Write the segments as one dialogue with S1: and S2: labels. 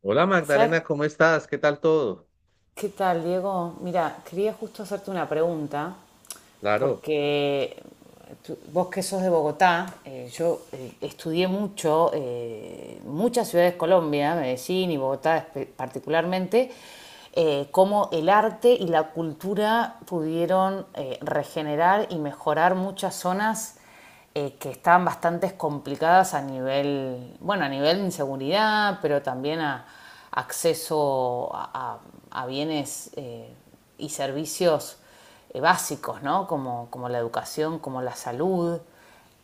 S1: Hola
S2: ¿Sabes
S1: Magdalena, ¿cómo estás? ¿Qué tal todo?
S2: qué tal, Diego? Mira, quería justo hacerte una pregunta
S1: Claro.
S2: porque vos que sos de Bogotá, yo estudié mucho, muchas ciudades de Colombia, Medellín y Bogotá particularmente, cómo el arte y la cultura pudieron regenerar y mejorar muchas zonas que estaban bastante complicadas a nivel, bueno, a nivel de inseguridad, pero también a acceso a, a bienes y servicios básicos, ¿no? Como, como la educación, como la salud.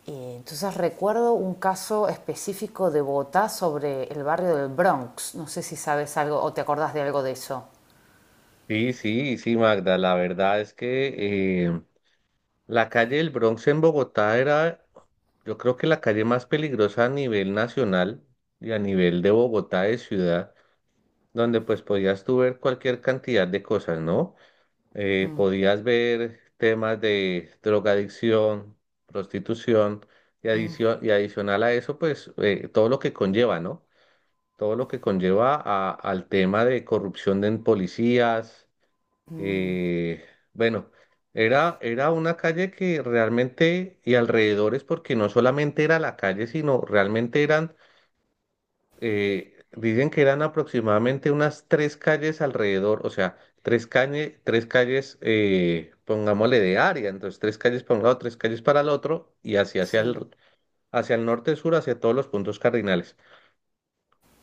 S2: Entonces recuerdo un caso específico de Bogotá sobre el barrio del Bronx. No sé si sabes algo o te acordás de algo de eso.
S1: Sí, sí, sí, Magda. La verdad es que la calle del Bronx en Bogotá era, yo creo que la calle más peligrosa a nivel nacional y a nivel de Bogotá de ciudad, donde pues podías tú ver cualquier cantidad de cosas, ¿no?
S2: Mm,
S1: Podías ver temas de drogadicción, prostitución y
S2: mm,
S1: adicional a eso, pues todo lo que conlleva, ¿no? Todo lo que conlleva al tema de corrupción en policías.
S2: mm,
S1: eh, bueno, era una calle que realmente, y alrededores, porque no solamente era la calle, sino realmente dicen que eran aproximadamente unas tres calles alrededor, o sea, tres calles, pongámosle de área, entonces tres calles para un lado, tres calles para el otro, y así
S2: sí.
S1: hacia el norte-sur, hacia todos los puntos cardinales.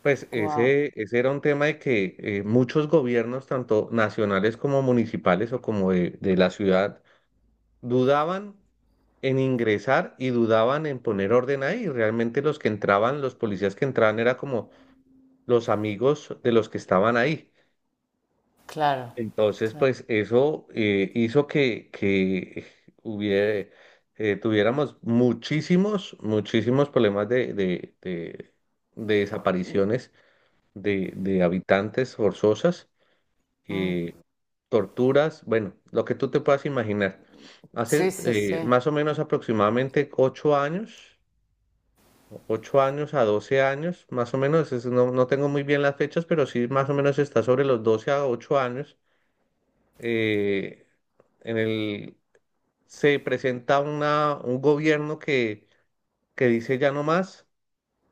S1: Pues
S2: Wow.
S1: ese era un tema de que muchos gobiernos, tanto nacionales como municipales o como de la ciudad, dudaban en ingresar y dudaban en poner orden ahí. Realmente los que entraban, los policías que entraban, era como los amigos de los que estaban ahí.
S2: Claro,
S1: Entonces, pues
S2: claro.
S1: eso hizo que hubiera, tuviéramos muchísimos, muchísimos problemas de desapariciones de habitantes forzosas,
S2: Mm.
S1: eh, torturas, bueno, lo que tú te puedas imaginar.
S2: Sí,
S1: Hace
S2: sí, sí.
S1: más o menos aproximadamente 8 años, 8 años a 12 años, más o menos, no, no tengo muy bien las fechas, pero sí más o menos está sobre los 12 a 8 años. eh, en se presenta un gobierno que dice ya no más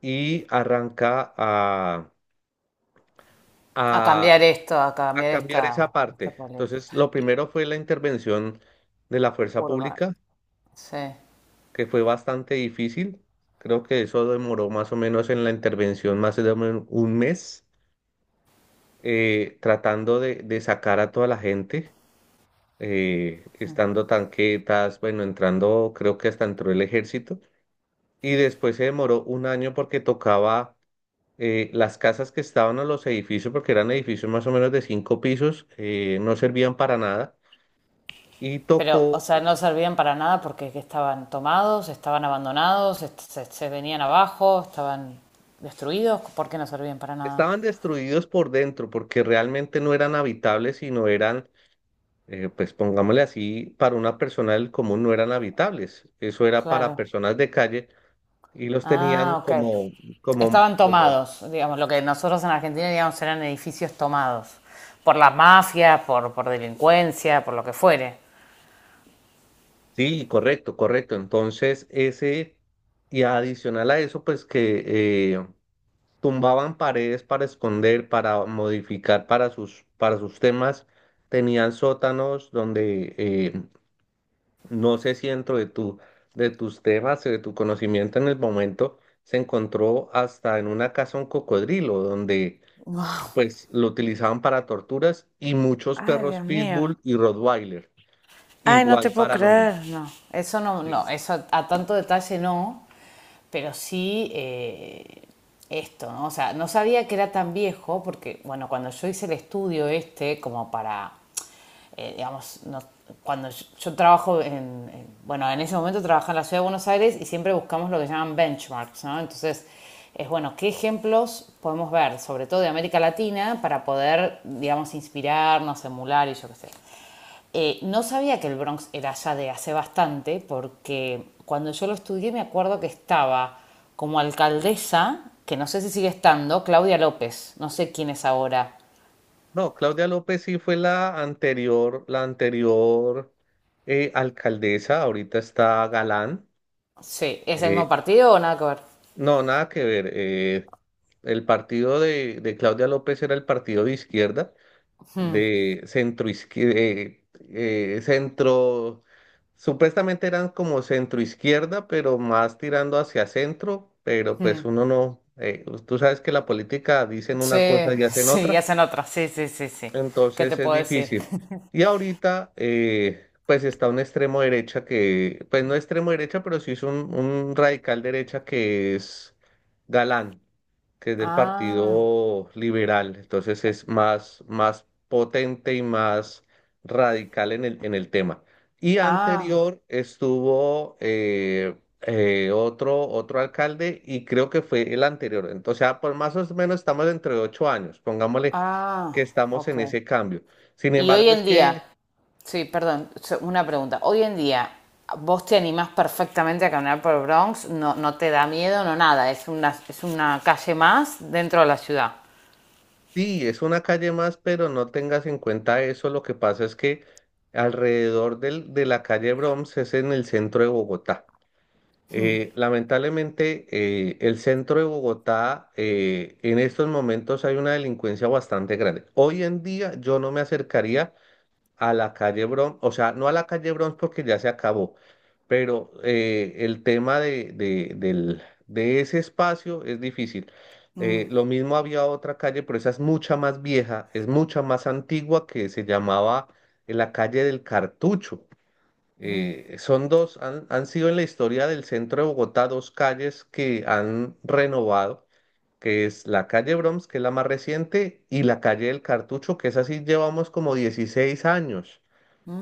S1: y arranca
S2: A
S1: a
S2: cambiar esto, a
S1: a
S2: cambiar
S1: cambiar esa
S2: esta, esta
S1: parte.
S2: política.
S1: Entonces, lo
S2: Y
S1: primero fue la intervención de la fuerza
S2: urbana.
S1: pública,
S2: Sí.
S1: que fue bastante difícil. Creo que eso demoró más o menos en la intervención más de 1 mes, tratando de sacar a toda la gente, estando tanquetas, bueno, entrando, creo que hasta entró el ejército. Y después se demoró 1 año porque tocaba, las casas que estaban a los edificios, porque eran edificios más o menos de 5 pisos, no servían para nada. Y
S2: Pero, o
S1: tocó.
S2: sea, no servían para nada porque estaban tomados, estaban abandonados, se, se venían abajo, estaban destruidos. ¿Por qué no servían para nada?
S1: Estaban destruidos por dentro porque realmente no eran habitables, sino eran, pues pongámosle así, para una persona del común no eran habitables. Eso era para
S2: Claro.
S1: personas de calle y los tenían
S2: Ah, ok.
S1: como, como,
S2: Estaban
S1: como,
S2: tomados, digamos, lo que nosotros en Argentina, digamos, eran edificios tomados. Por la mafia, por delincuencia, por lo que fuere.
S1: sí, correcto, correcto. Entonces, ese, y adicional a eso, pues que tumbaban paredes para esconder, para modificar para para sus temas. Tenían sótanos donde no sé si dentro de de tus temas, de tu conocimiento en el momento, se encontró hasta en una casa un cocodrilo, donde pues lo utilizaban para torturas y muchos
S2: Ah,
S1: perros
S2: Dios mío.
S1: Pitbull y Rottweiler,
S2: Ay, no te
S1: igual
S2: puedo
S1: para lo mismo.
S2: creer, no. Eso no, no,
S1: Sí.
S2: eso a tanto detalle no, pero sí esto, ¿no? O sea, no sabía que era tan viejo, porque, bueno, cuando yo hice el estudio este, como para, digamos, cuando yo trabajo en, bueno, en ese momento trabajaba en la ciudad de Buenos Aires y siempre buscamos lo que llaman benchmarks, ¿no? Entonces, es bueno, ¿qué ejemplos podemos ver, sobre todo de América Latina, para poder, digamos, inspirarnos, emular y yo qué sé? No sabía que el Bronx era ya de hace bastante, porque cuando yo lo estudié me acuerdo que estaba como alcaldesa, que no sé si sigue estando, Claudia López, no sé quién es ahora.
S1: No, Claudia López sí fue la anterior alcaldesa, ahorita está Galán.
S2: Sí, ¿es el mismo
S1: Eh,
S2: partido o nada que ver?
S1: no, nada que ver. El partido de Claudia López era el partido de izquierda, de centro izquierda, centro, supuestamente eran como centro izquierda, pero más tirando hacia centro, pero pues
S2: Mm,
S1: uno no, tú sabes que la política dicen
S2: sí,
S1: una cosa y hacen
S2: sí,
S1: otra.
S2: hacen otra, sí, sí, sí, sí. ¿Qué te
S1: Entonces es
S2: puedo decir?
S1: difícil. Y ahorita, pues está un extremo derecha que, pues no extremo derecha, pero sí es un radical derecha que es Galán, que es del
S2: Ah,
S1: Partido Liberal. Entonces es más, más potente y más radical en en el tema. Y
S2: ah,
S1: anterior estuvo otro, otro alcalde y creo que fue el anterior. Entonces, ah, por más o menos estamos entre 8 años, pongámosle que
S2: ah,
S1: estamos
S2: ok.
S1: en ese cambio. Sin
S2: Y hoy
S1: embargo, es
S2: en
S1: que
S2: día, sí, perdón, una pregunta. Hoy en día, ¿vos te animás perfectamente a caminar por el Bronx? No, no te da miedo, no nada. Es una calle más dentro de la ciudad.
S1: sí, es una calle más, pero no tengas en cuenta eso. Lo que pasa es que alrededor de la calle Broms es en el centro de Bogotá. Lamentablemente, el centro de Bogotá, en estos momentos hay una delincuencia bastante grande. Hoy en día yo no me acercaría a la calle Bronx, o sea, no a la calle Bronx porque ya se acabó, pero el tema de ese espacio es difícil. Lo mismo había otra calle, pero esa es mucha más vieja, es mucha más antigua que se llamaba, la calle del Cartucho. Son dos, han sido en la historia del centro de Bogotá dos calles que han renovado, que es la calle Broms, que es la más reciente, y la calle del Cartucho, que es así, llevamos como 16 años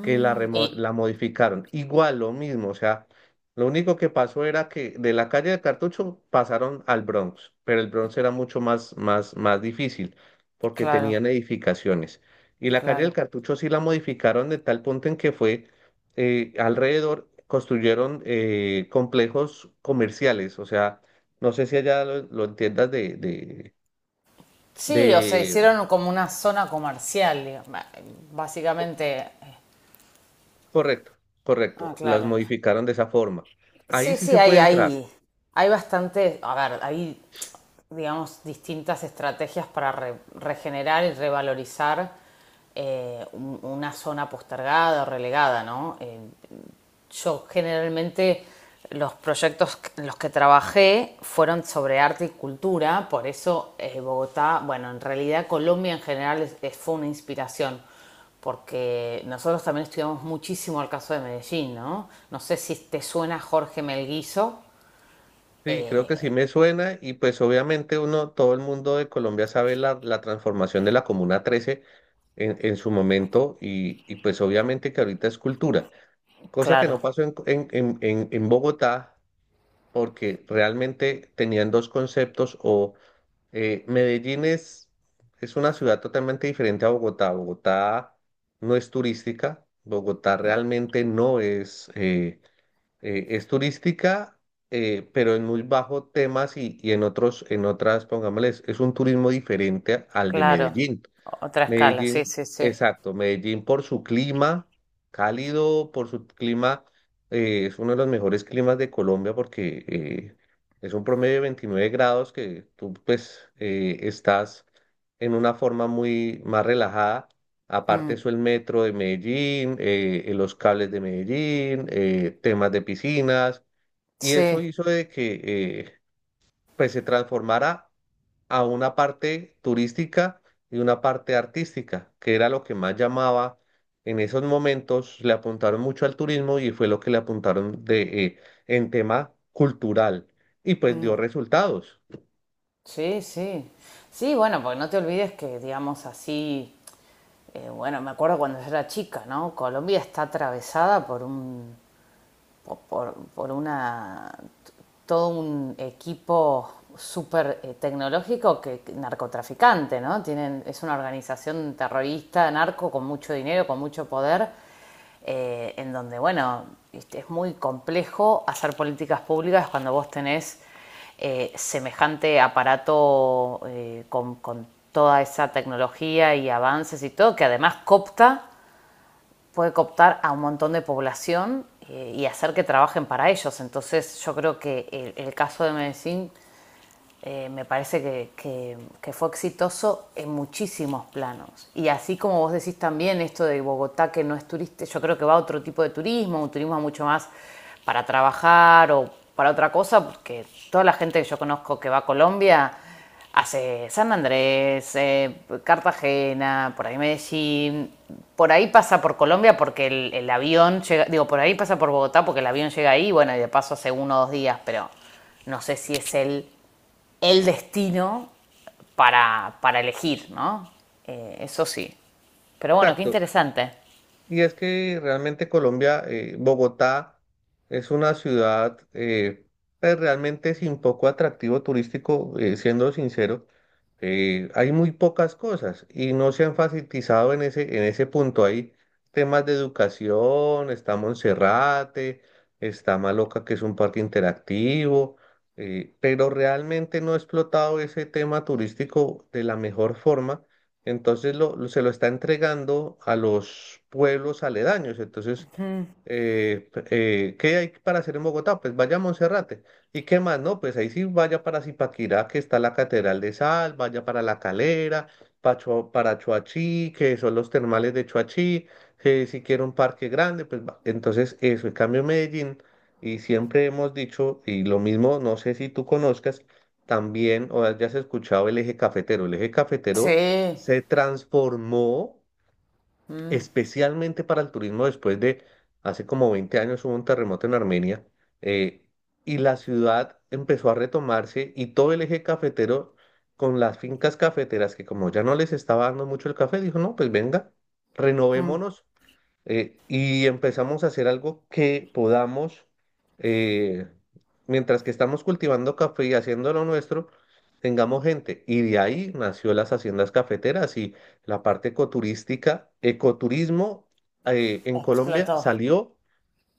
S1: que
S2: y
S1: la modificaron. Igual, lo mismo, o sea, lo único que pasó era que de la calle del Cartucho pasaron al Bronx, pero el Bronx era mucho más difícil porque
S2: claro,
S1: tenían edificaciones. Y la calle del
S2: claro.
S1: Cartucho sí la modificaron de tal punto en que fue alrededor, construyeron complejos comerciales, o sea, no sé si allá lo entiendas de, de,
S2: Sí, o sea,
S1: de...
S2: hicieron como una zona comercial, digamos,
S1: co-
S2: básicamente.
S1: correcto,
S2: Ah,
S1: correcto, las
S2: claro.
S1: modificaron de esa forma. Ahí
S2: Sí,
S1: sí
S2: sí,
S1: se
S2: hay,
S1: puede entrar.
S2: hay, hay bastante, a ver, hay digamos, distintas estrategias para regenerar y revalorizar una zona postergada o relegada, ¿no? Yo generalmente los proyectos en los que trabajé fueron sobre arte y cultura, por eso Bogotá, bueno, en realidad Colombia en general fue una inspiración, porque nosotros también estudiamos muchísimo el caso de Medellín, ¿no? No sé si te suena Jorge Melguizo,
S1: Sí, creo que sí
S2: eh,
S1: me suena y pues obviamente uno, todo el mundo de Colombia sabe la transformación de la Comuna 13 en su momento y pues obviamente que ahorita es cultura, cosa que
S2: claro.
S1: no pasó en Bogotá porque realmente tenían dos conceptos o Medellín es una ciudad totalmente diferente a Bogotá, Bogotá no es turística, Bogotá realmente no es... es turística, pero en muy bajo temas y en otros, en otras, pongámosles, es un turismo diferente al de
S2: Claro,
S1: Medellín.
S2: otra escala, sí,
S1: Medellín,
S2: sí, sí.
S1: exacto, Medellín por su clima cálido, por su clima, es uno de los mejores climas de Colombia porque es un promedio de 29 grados que tú pues estás en una forma muy más relajada. Aparte
S2: Mm,
S1: eso el metro de Medellín, los cables de Medellín, temas de piscinas y eso
S2: sí,
S1: hizo de que eh, pues se transformara a una parte turística y una parte artística, que era lo que más llamaba en esos momentos, le apuntaron mucho al turismo y fue lo que le apuntaron de, en tema cultural y pues
S2: mm,
S1: dio resultados.
S2: sí, sí. Sí, bueno, porque no te olvides que, digamos así, bueno, me acuerdo cuando yo era chica, ¿no? Colombia está atravesada por un por una todo un equipo súper tecnológico que narcotraficante, ¿no? Tienen, es una organización terrorista, narco, con mucho dinero, con mucho poder, en donde, bueno, este, es muy complejo hacer políticas públicas cuando vos tenés semejante aparato con toda esa tecnología y avances y todo, que además coopta puede cooptar a un montón de población y hacer que trabajen para ellos. Entonces yo creo que el caso de Medellín me parece que, que fue exitoso en muchísimos planos. Y así como vos decís también esto de Bogotá que no es turista, yo creo que va a otro tipo de turismo, un turismo mucho más para trabajar o para otra cosa, porque toda la gente que yo conozco que va a Colombia hace San Andrés, Cartagena, por ahí Medellín, por ahí pasa por Colombia porque el avión llega, digo, por ahí pasa por Bogotá porque el avión llega ahí, bueno, y de paso hace uno o dos días, pero no sé si es el destino para elegir, ¿no? Eso sí. Pero bueno, qué
S1: Exacto.
S2: interesante.
S1: Y es que realmente Colombia, Bogotá es una ciudad pues, realmente sin poco atractivo turístico, siendo sincero. Hay muy pocas cosas y no se ha enfatizado en ese punto. Hay temas de educación, está Monserrate, está Maloca, que es un parque interactivo, pero realmente no ha explotado ese tema turístico de la mejor forma. Entonces se lo está entregando a los pueblos aledaños. Entonces, eh, p- ¿qué hay para hacer en Bogotá? Pues vaya a Monserrate. ¿Y qué más? No, pues ahí sí vaya para Zipaquirá, que está la Catedral de Sal, vaya para La Calera, para Choachí, que son los termales de Choachí, que si quiere un parque grande, pues va. Entonces eso, en cambio Medellín, y siempre hemos dicho, y lo mismo, no sé si tú conozcas, también o hayas escuchado el eje cafetero. El eje cafetero
S2: Sí.
S1: se transformó
S2: Mm,
S1: especialmente para el turismo después de, hace como 20 años hubo un terremoto en Armenia, eh, y la ciudad empezó a retomarse y todo el eje cafetero con las fincas cafeteras que como ya no les estaba dando mucho el café, dijo, no, pues venga,
S2: mm,
S1: renovémonos, y empezamos a hacer algo que podamos, eh, mientras que estamos cultivando café y haciendo lo nuestro, tengamos gente. Y de ahí nació las haciendas cafeteras y la parte ecoturística, ecoturismo en Colombia
S2: explotó.
S1: salió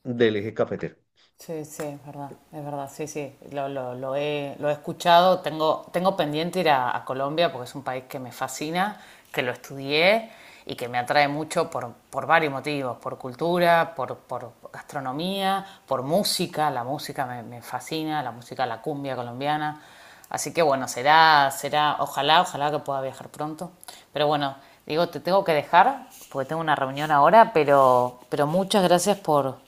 S1: Del eje cafetero.
S2: Sí, sí, es verdad, sí, sí, lo he escuchado, tengo, tengo pendiente ir a Colombia porque es un país que me fascina, que lo estudié y que me atrae mucho por varios motivos, por cultura, por gastronomía, por música, la música me, me fascina, la música, la cumbia colombiana, así que bueno, será, será, ojalá, ojalá que pueda viajar pronto, pero bueno, digo, te tengo que dejar porque tengo una reunión ahora, pero muchas gracias por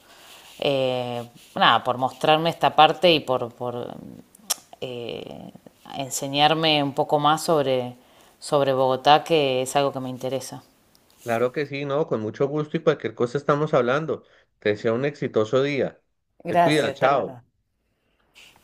S2: eh, nada, por mostrarme esta parte y por eh, enseñarme un poco más sobre, sobre Bogotá, que es algo que me interesa.
S1: Claro que sí, no, con mucho gusto y cualquier cosa estamos hablando. Te deseo un exitoso día. Te cuida,
S2: Gracias, tal
S1: chao.
S2: verdad.